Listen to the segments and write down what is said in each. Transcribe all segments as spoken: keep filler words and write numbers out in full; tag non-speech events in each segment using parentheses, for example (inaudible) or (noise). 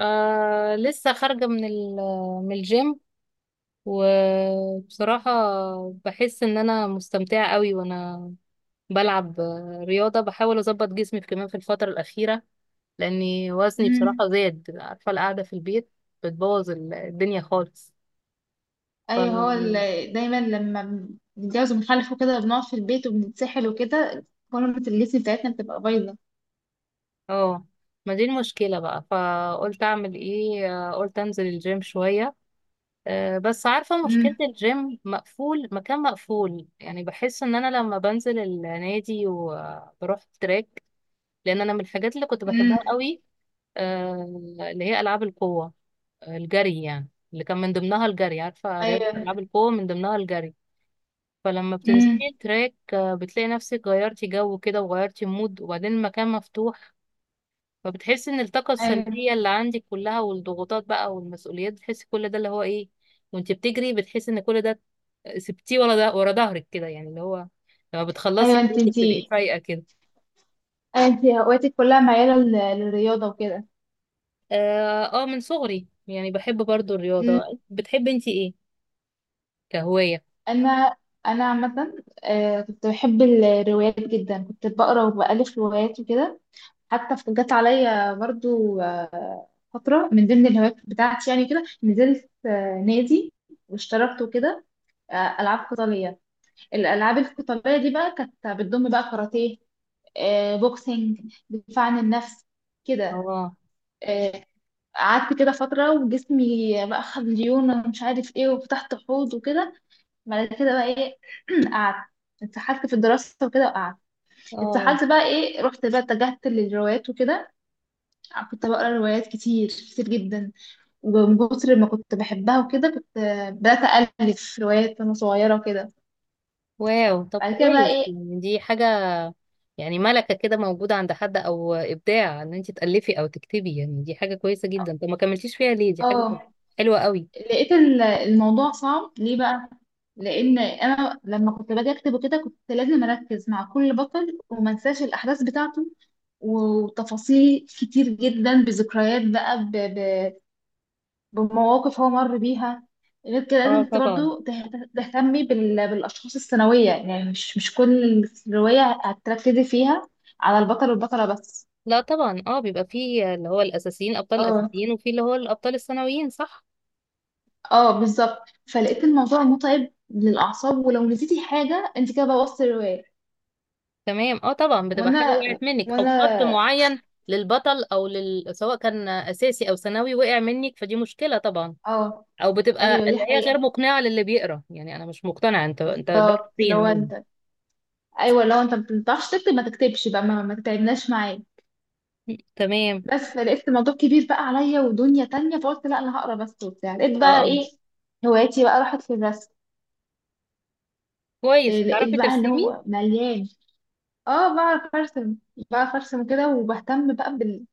آه لسه خارجة من ال- من الجيم. وبصراحة بحس ان انا مستمتعة قوي، وانا بلعب آه، رياضة، بحاول اظبط جسمي في- كمان في الفترة الأخيرة، لاني وزني امم. بصراحة زاد. عارفة، القعدة في البيت بتبوظ ال- الدنيا خالص. ايوه، هو ف ال- دايما لما بنتجوز وبنخلف وكده بنقعد في البيت وبنتسحل وكده، فورمة الجسم بتاعتنا بتبقى بايظة. اه ما دي المشكلة بقى، فقلت اعمل ايه؟ آه، قلت انزل الجيم شوية. آه، بس عارفة مشكلة امم. الجيم، مقفول، مكان مقفول يعني. بحس ان انا لما بنزل النادي وبروح تراك، لان انا من الحاجات اللي كنت امم. بحبها قوي، آه، اللي هي العاب القوة. آه، الجري يعني، اللي كان من ضمنها الجري. عارفة، رياضة ايوه. العاب القوة من ضمنها الجري. فلما بتنزلي امم. التراك آه، بتلاقي نفسك غيرتي جو كده، وغيرتي مود، وبعدين المكان مفتوح. فبتحس ان الطاقة ايوه. السلبية اللي عندك كلها، والضغوطات بقى والمسؤوليات، بتحس كل ده اللي هو ايه. وانت بتجري بتحس ان كل ده سبتيه ورا، ده ورا ظهرك كده يعني اللي هو. لما بتخلصي ايوه، انت بجد انت بتبقي أيوة. فايقة كده. انت هواياتك كلها معيلة لل- للرياضة وكده. اه. آه، من صغري يعني بحب برضو امم. الرياضة. بتحبي انت ايه كهواية؟ انا انا عامة، آه، كنت بحب الروايات جدا، كنت بقرا وبألف روايات وكده. حتى ف- جت عليا برضو آه، فترة من ضمن الهوايات بتاعتي، يعني كده نزلت آه، نادي واشتركت وكده. آه، العاب قتاليه. الالعاب القتاليه دي بقى كانت بتضم بقى كاراتيه، آه، بوكسينج، دفاع عن النفس، كده. اه، آه، قعدت كده فتره وجسمي بقى خد ليونه ومش عارف ايه، وفتحت حوض وكده. بعد كده بقى ايه؟ (clears throat) قعدت اتسحلت في الدراسه وكده، وقعدت اه. اتسحلت بقى ايه، رحت بقى اتجهت للروايات وكده. كنت بقرا روايات كتير كتير جدا، ومن كتر ما كنت بحبها وكده كنت آه، بدات الف روايات وانا صغيره وكده. واو، طب بعد كده بقى كويس، ايه؟ يعني دي حاجة. يعني ملكة كده موجودة عند حد، او ابداع ان انت تألفي او تكتبي. يعني دي حاجة كويسة جدا. طب ما كملتيش فيها ليه؟ دي حاجة اه، حلوة قوي. لقيت ال- الموضوع صعب ليه بقى؟ لان انا لما كنت باجي اكتب وكده كنت لازم اركز مع كل بطل وما انساش الاحداث بتاعته، وتفاصيل كتير جدا بذكريات بقى، ب... ب... بمواقف هو مر بيها. غير كده لازم اه انت طبعا. برضو تهت- تهتمي بال... بالاشخاص الثانويه، يعني مش مش كل الروايه هتركزي فيها على البطل والبطله بس. لا طبعا، اه، بيبقى فيه اللي هو الاساسيين، الابطال اه، الاساسيين، وفي اللي هو الابطال الثانويين، صح. اه، بالظبط. فلقيت الموضوع متعب للاعصاب، ولو نسيتي حاجه انت كده بوظتي الروايه. تمام، اه طبعا. بتبقى حاجه وانا وقعت منك، او وانا خط معين للبطل او لل... سواء كان اساسي او ثانوي، وقع منك، فدي مشكله طبعا. اه، او بتبقى ايوه دي اللي هي حقيقة، غير مقنعه للي بيقرا. يعني انا مش مقتنعه، انت، انت ده بالظبط. فين لو مني؟ انت ايوه، لو انت ما بتعرفش تكتب ما تكتبش بقى، ما, ما تتعبناش معايا. م، تمام. بس لقيت الموضوع كبير بقى عليا ودنيا تانية، فقلت لا، انا هقرا بس وبتاع. لقيت بقى اه، ايه، هواياتي بقى راحت في الرسم. كويس. إيه، بتعرفي لقيت بقى اللي ترسمي؟ هو مليان. اه، بعرف ارسم، بعرف ارسم كده، وبهتم بقى بال...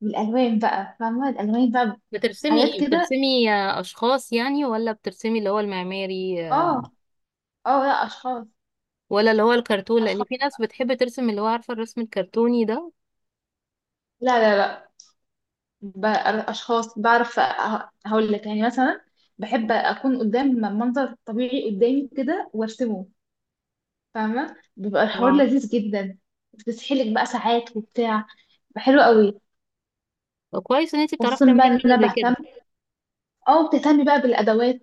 بالالوان بقى، فاهمة الالوان بقى، بترسمي حاجات ايه؟ كده. بترسمي آه، اشخاص يعني، ولا بترسمي اللي هو المعماري، اه، اه، لا، اشخاص، ولا اللي هو الكرتون؟ لان اشخاص. في ناس بتحب ترسم اللي هو، عارفه، الرسم الكرتوني ده. لا، لا، لا، بقى- اشخاص بعرف، أ- هقول لك يعني، مثلا بحب اكون قدام منظر طبيعي قدامي كده وارسمه. فاهمه، بيبقى الحوار اه، لذيذ جدا، بتسحلك بقى ساعات وبتاع، بيبقى حلو قوي. كويس ان انت بتعرفي خصوصا تعملي بقى ان حاجه انا زي بهتم كده. او بتهتمي بقى بالادوات،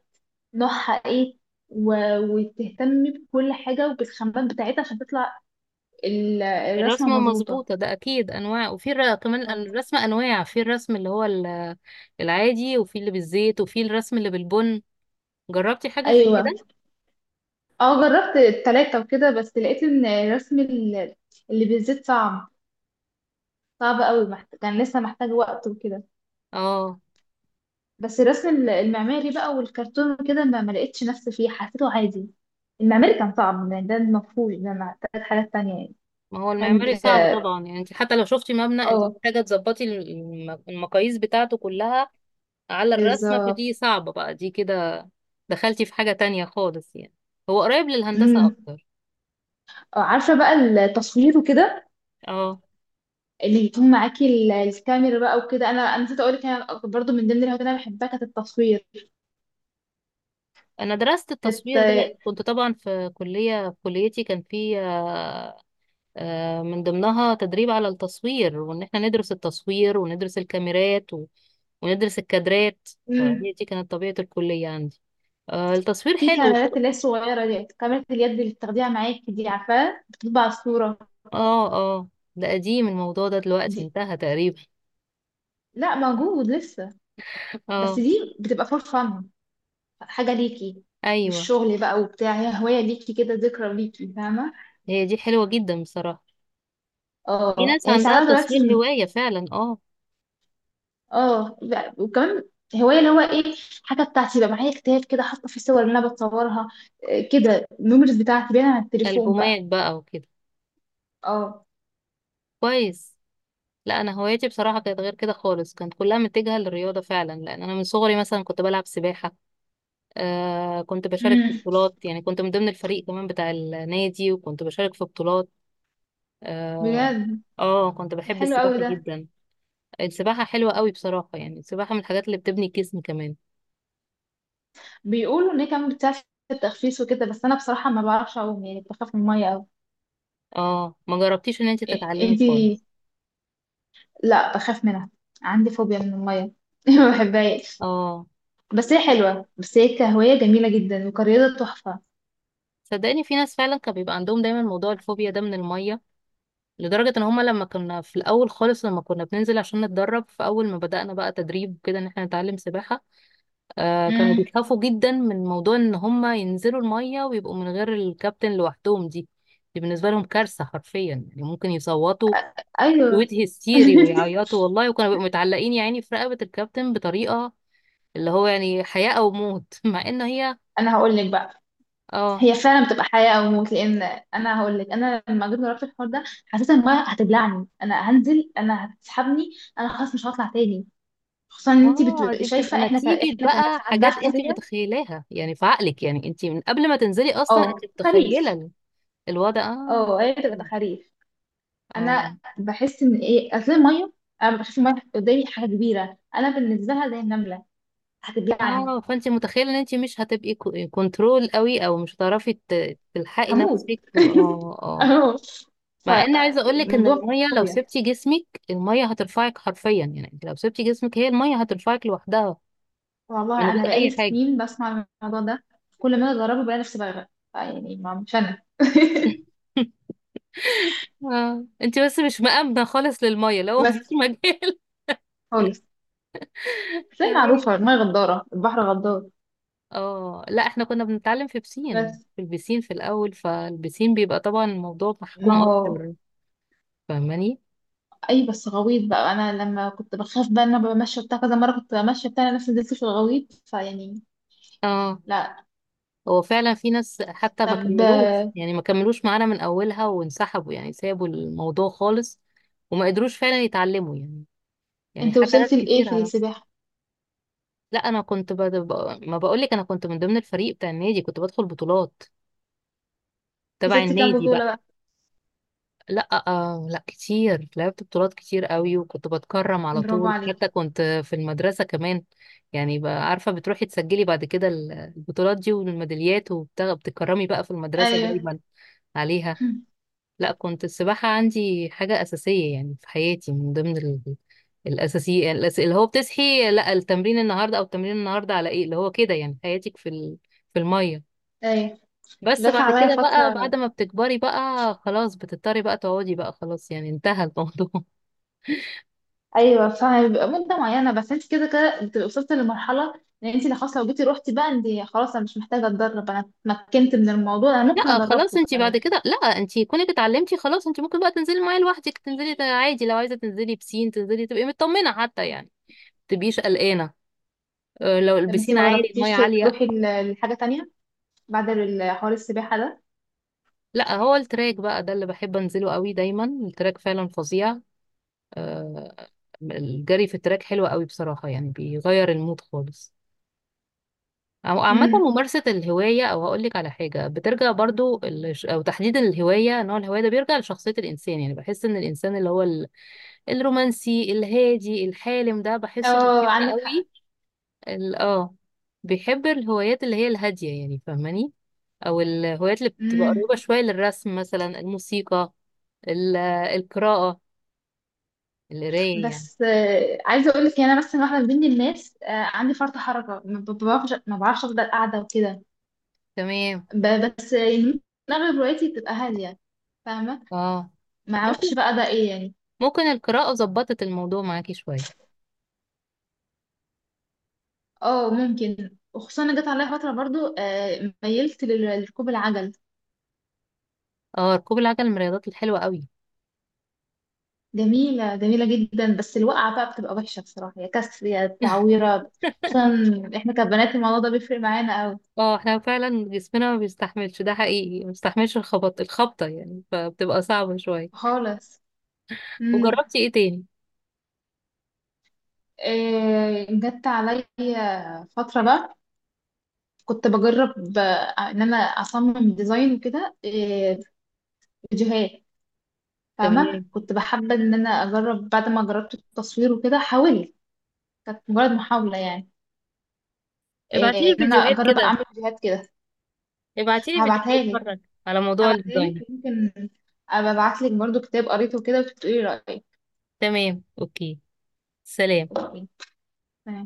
نوعها ايه، و... وتهتمي بكل حاجه وبالخامات بتاعتها عشان تطلع ال- الرسمه الرسمه مظبوطه. مظبوطه، ده اكيد انواع. وفي الر- كمان أو. الرسم انواع. في الرسم اللي هو ال- العادي، وفي اللي بالزيت، وفي الرسم اللي بالبن. جربتي حاجه زي ايوه، كده؟ اه، جربت التلاته وكده، بس لقيت ان رسم ال- اللي بالزيت صعب، صعب قوي، محت... كان لسه محتاج وقت وكده. اه، بس الرسم ال- المعماري بقى والكرتون وكده ما ما لقيتش نفسي فيه، حسيته عادي. المعماري كان صعب يعني، ده المفروض ده أنا محتاج حاجات تانية يعني، ما هو المعماري صعب محتاج. طبعا. يعني انت حتى لو شفتي مبنى، (laughs) انت اه، محتاجه تظبطي الم- المقاييس بتاعته كلها على الرسمه. بالظبط. فدي صعبه بقى دي كده. دخلتي في حاجه تانية خالص يعني. هو قريب للهندسه امم. اكتر. آه، عارفه بقى التصوير وكده، اه، اللي يكون معاكي ال- الكاميرا بقى وكده. انا انا نسيت اقول لك، انا برضو من ضمن الهوايات اللي انا بحبها كانت التصوير. انا درست كانت. التصوير ده، لان آه، كنت طبعا في كليه، في كليتي كان في آه، آه، من ضمنها تدريب على التصوير، وان احنا ندرس التصوير وندرس الكاميرات و- وندرس الكادرات. امم فهي دي كانت طبيعه الكليه عندي. آه، التصوير في حلو. كاميرات اللي هي الصغيره دي، كاميرا اليد اللي بتاخديها معاكي دي، عارفاها بتطبع الصوره. اه، اه. ده قديم، الموضوع ده دلوقتي دي، انتهى تقريبا. لا، موجود لسه، بس اه، دي بتبقى فور فن، حاجة ليكي مش ايوه. شغل بقى وبتاع، هي هواية ليكي كده، ذكرى ليكي، فاهمة. هي دي حلوه جدا بصراحه. في اه، ناس يعني عندها ساعات التصوير دلوقتي م- هوايه فعلا، اه. اه، لا، وكمان هواية اللي هو ايه، حاجة بتاعتي بقى. معايا كتاب كده حاطة فيه صور اللي انا بتصورها. إيه كده، الميموريز بتاعتي باينة على التليفون بقى. البومات بقى وكده، اه. كويس. لا، انا هوايتي بصراحه كانت غير كده خالص، كانت كلها متجهه للرياضه فعلا. لان انا من صغري مثلا كنت بلعب سباحه. آه، كنت بشارك في امم. بطولات، يعني كنت من ضمن الفريق كمان بتاع النادي، وكنت بشارك في بطولات. اه. بجد؟ آه كنت بحب حلو السباحه قوي ده. جدا. السباحه حلوه قوي بصراحه. يعني السباحه من الحاجات اللي بتبني الجسم كمان. بيقولوا ان هي كمان بتساعد في التخفيف وكده، بس انا بصراحة ما بعرفش اعوم، يعني بخاف من المية قوي. اه، ما جربتيش ان انت إيه- تتعلمي انتي، خالص؟ لا بخاف منها، عندي فوبيا من المية. (laughs) ما بحبهاش. اه، بس هي حلوة، بس هي كهواية جميلة جدا، وكرياضة تحفة. صدقني في ناس فعلا كان بيبقى عندهم دايما موضوع الفوبيا ده من الميه. لدرجة ان هما، لما كنا في الاول خالص، لما كنا بننزل عشان نتدرب في اول ما بدأنا بقى تدريب كده ان احنا نتعلم سباحة، آه كانوا امم. بيخافوا جدا من موضوع ان هما ينزلوا المية ويبقوا من غير الكابتن لوحدهم. دي دي بالنسبة لهم كارثة حرفيا. يعني ممكن يصوتوا ايوه. صوت هستيري (laughs) ويعيطوا والله. وكانوا بيبقوا متعلقين يعني في رقبة الكابتن، بطريقة اللي هو يعني حياة او موت (laughs) مع ان هي. انا هقول لك بقى، اه، هي فعلا بتبقى حياة او موت، لان انا هقول لك، انا لما جيت جربت الحوار ده حسيت ان المية هتبلعني، انا هنزل انا هتسحبني، انا خلاص مش هطلع تاني. خصوصا ان انت اه. بتبقي دي بتبقى شايفة، احنا ك... نتيجة احنا كناس بقى عندها حاجات انت فوبيا. متخيلاها يعني في عقلك. يعني انت من قبل ما تنزلي اصلا، اه، انت متخيلة خريف. ال- الوضع. اه. اه، هي بتبقى خريف. اه، انا بحس ان ايه، اصل الميه، انا بشوف الميه قدامي حاجه كبيره، انا بالنسبه لها زي النمله، هتبلعني، اه. فانت متخيلة ان انت مش هتبقي كو- كنترول قوي، او مش هتعرفي ت- تلحقي هموت. نفسك، و- (laughs) اه، اه. اهو، مع ان عايزة اقولك ان فالموضوع المية لو فوبيا. سبتي جسمك، المية هترفعك حرفيا. يعني انت لو سبتي جسمك هي المية هترفعك لوحدها من والله انا غير بقالي اي حاجة. سنين بسمع الموضوع ده، كل ما أنا اجربه بلاقي نفسي بغرق، يعني ما مش انا. (laughs) (laughs) اه، انت بس مش مأمنة خالص للمية، لو مفيش بس مجال. خالص. (laughs) بس هي معروفه، تمام. الميه غداره، البحر غدار. اه، لا، احنا كنا بنتعلم في بسين. بس. في البسين في الاول، فالبسين بيبقى طبعا الموضوع ما محكوم هو اكتر. فاهماني؟ اي، بس غويط بقى، انا لما كنت بخاف بقى ان انا بمشي بتاع كذا مره، كنت بمشي بتاع، أنا نفسي نزلت في الغويط فيعني. اه، لا. هو فعلا في ناس حتى ما طب كملوش. يعني ما كملوش معانا من اولها وانسحبوا، يعني سابوا الموضوع خالص. وما قدروش فعلا يتعلموا يعني. يعني انت حتى ناس وصلتي لايه كتير في عرف. السباحه؟ لا، انا كنت بد... ب- ما بقولك، انا كنت من ضمن الفريق بتاع النادي، كنت بدخل بطولات تبع كسبت كام النادي بطولة بقى. بقى؟ لا، آه لا، كتير، لعبت بطولات كتير قوي، وكنت بتكرم على برافو طول. حتى عليك. كنت في المدرسة كمان. يعني بقى، عارفة، بتروحي تسجلي بعد كده ال- البطولات دي والميداليات، وبتكرمي بقى في المدرسة ايوه. دايما عليها. (clears throat) لا، كنت السباحة عندي حاجة أساسية يعني في حياتي، من ضمن ال- الأساسية. الأس- اللي هو بتصحي، لا التمرين النهاردة، أو التمرين النهاردة على إيه، اللي هو كده يعني حياتك في ال- في المية. ايوه، بس جت بعد عليا كده بقى، بعد فتره. ما بتكبري بقى خلاص بتضطري بقى تقعدي بقى خلاص، يعني انتهى الموضوع (laughs) ايوه، فبيبقى مده معينه، بس انت كده كده بتبقي وصلتي لمرحله ان انت لو خلاص لو جيتي روحتي بقى، انت خلاص، انا مش محتاجه اتدرب، انا اتمكنت من الموضوع، انا ممكن لا خلاص. ادربكم انتي بعد كمان. كده، لا، انتي كونك اتعلمتي خلاص، انتي ممكن بقى تنزلي الميه لوحدك، تنزلي ت- عادي. لو عايزه تنزلي بسين تنزلي، تبقي مطمنه حتى، يعني تبقيش قلقانه. اه، لو طب انت البسين ما عالي، جربتيش الميه عاليه. تروحي ل- لحاجه تانية بعد ال- حوار السباحه ده؟ لا، هو التراك بقى ده اللي بحب انزله قوي دايما. التراك فعلا فظيع. اه، الجري في التراك حلو قوي بصراحه، يعني بيغير المود خالص. أو عامة امم. ممارسة الهواية، أو هقولك على حاجة بترجع برضو ال- أو تحديد الهواية، نوع الهواية ده بيرجع لشخصية الإنسان. يعني بحس إن الإنسان اللي هو ال- الرومانسي الهادي الحالم ده، بحسه اه، بيحب عندك قوي ال- اه بيحب الهوايات اللي هي الهادية، يعني فاهماني؟ أو الهوايات اللي حق. بتبقى قريبة شوية للرسم، مثلا الموسيقى، ال- القراءة، القراية يعني. بس آه، عايزه اقول لك، انا بس واحده من ضمن الناس، آه، عندي فرط حركه، ما ب- بعرفش، ما بعرفش افضل قاعده وكده. تمام، ب- بس آه، يعني ممكن، اغلب روايتي بتبقى هاديه، فاهمه. اه، ما اعرفش ممكن. بقى ده ايه يعني. ممكن القراءة ظبطت الموضوع معاكي شوية. اه ممكن، وخصوصا انا جت عليا فتره برضو، آه، ميلت لل- لركوب العجل. اه، ركوب العجل من الرياضات الحلوة قوي. جميله، جميله جدا، بس الوقعه بقى بتبقى وحشه بصراحه، يا كسر يا تعويره. خصوصا احنا كبنات، الموضوع ده بيفرق معانا قوي اه، احنا فعلا جسمنا ما بيستحملش، ده حقيقي، ما بيستحملش الخبط، الخبطة يعني، فبتبقى صعبة شوية. خالص. امم. وجربتي ايه تاني؟ إيه، جت عليا فتره بقى كنت بجرب آه، ان انا اصمم ديزاين وكده، آه، فيديوهات. فاهمه، تمام. كنت بحب ان انا اجرب بعد ما جربت التصوير وكده، حاولت. كانت مجرد محاوله يعني، ابعتيلي آه، ان انا فيديوهات اجرب كده. اعمل فيديوهات كده. ابعتيلي هبعتها فيديوهات لك. اتفرج، على موضوع هبعتها الديزاين. لك يمكن. ابعت لك برضو كتاب قريته كده، وتقولي رايك. تمام، اوكي. سلام. أوكي، تمام.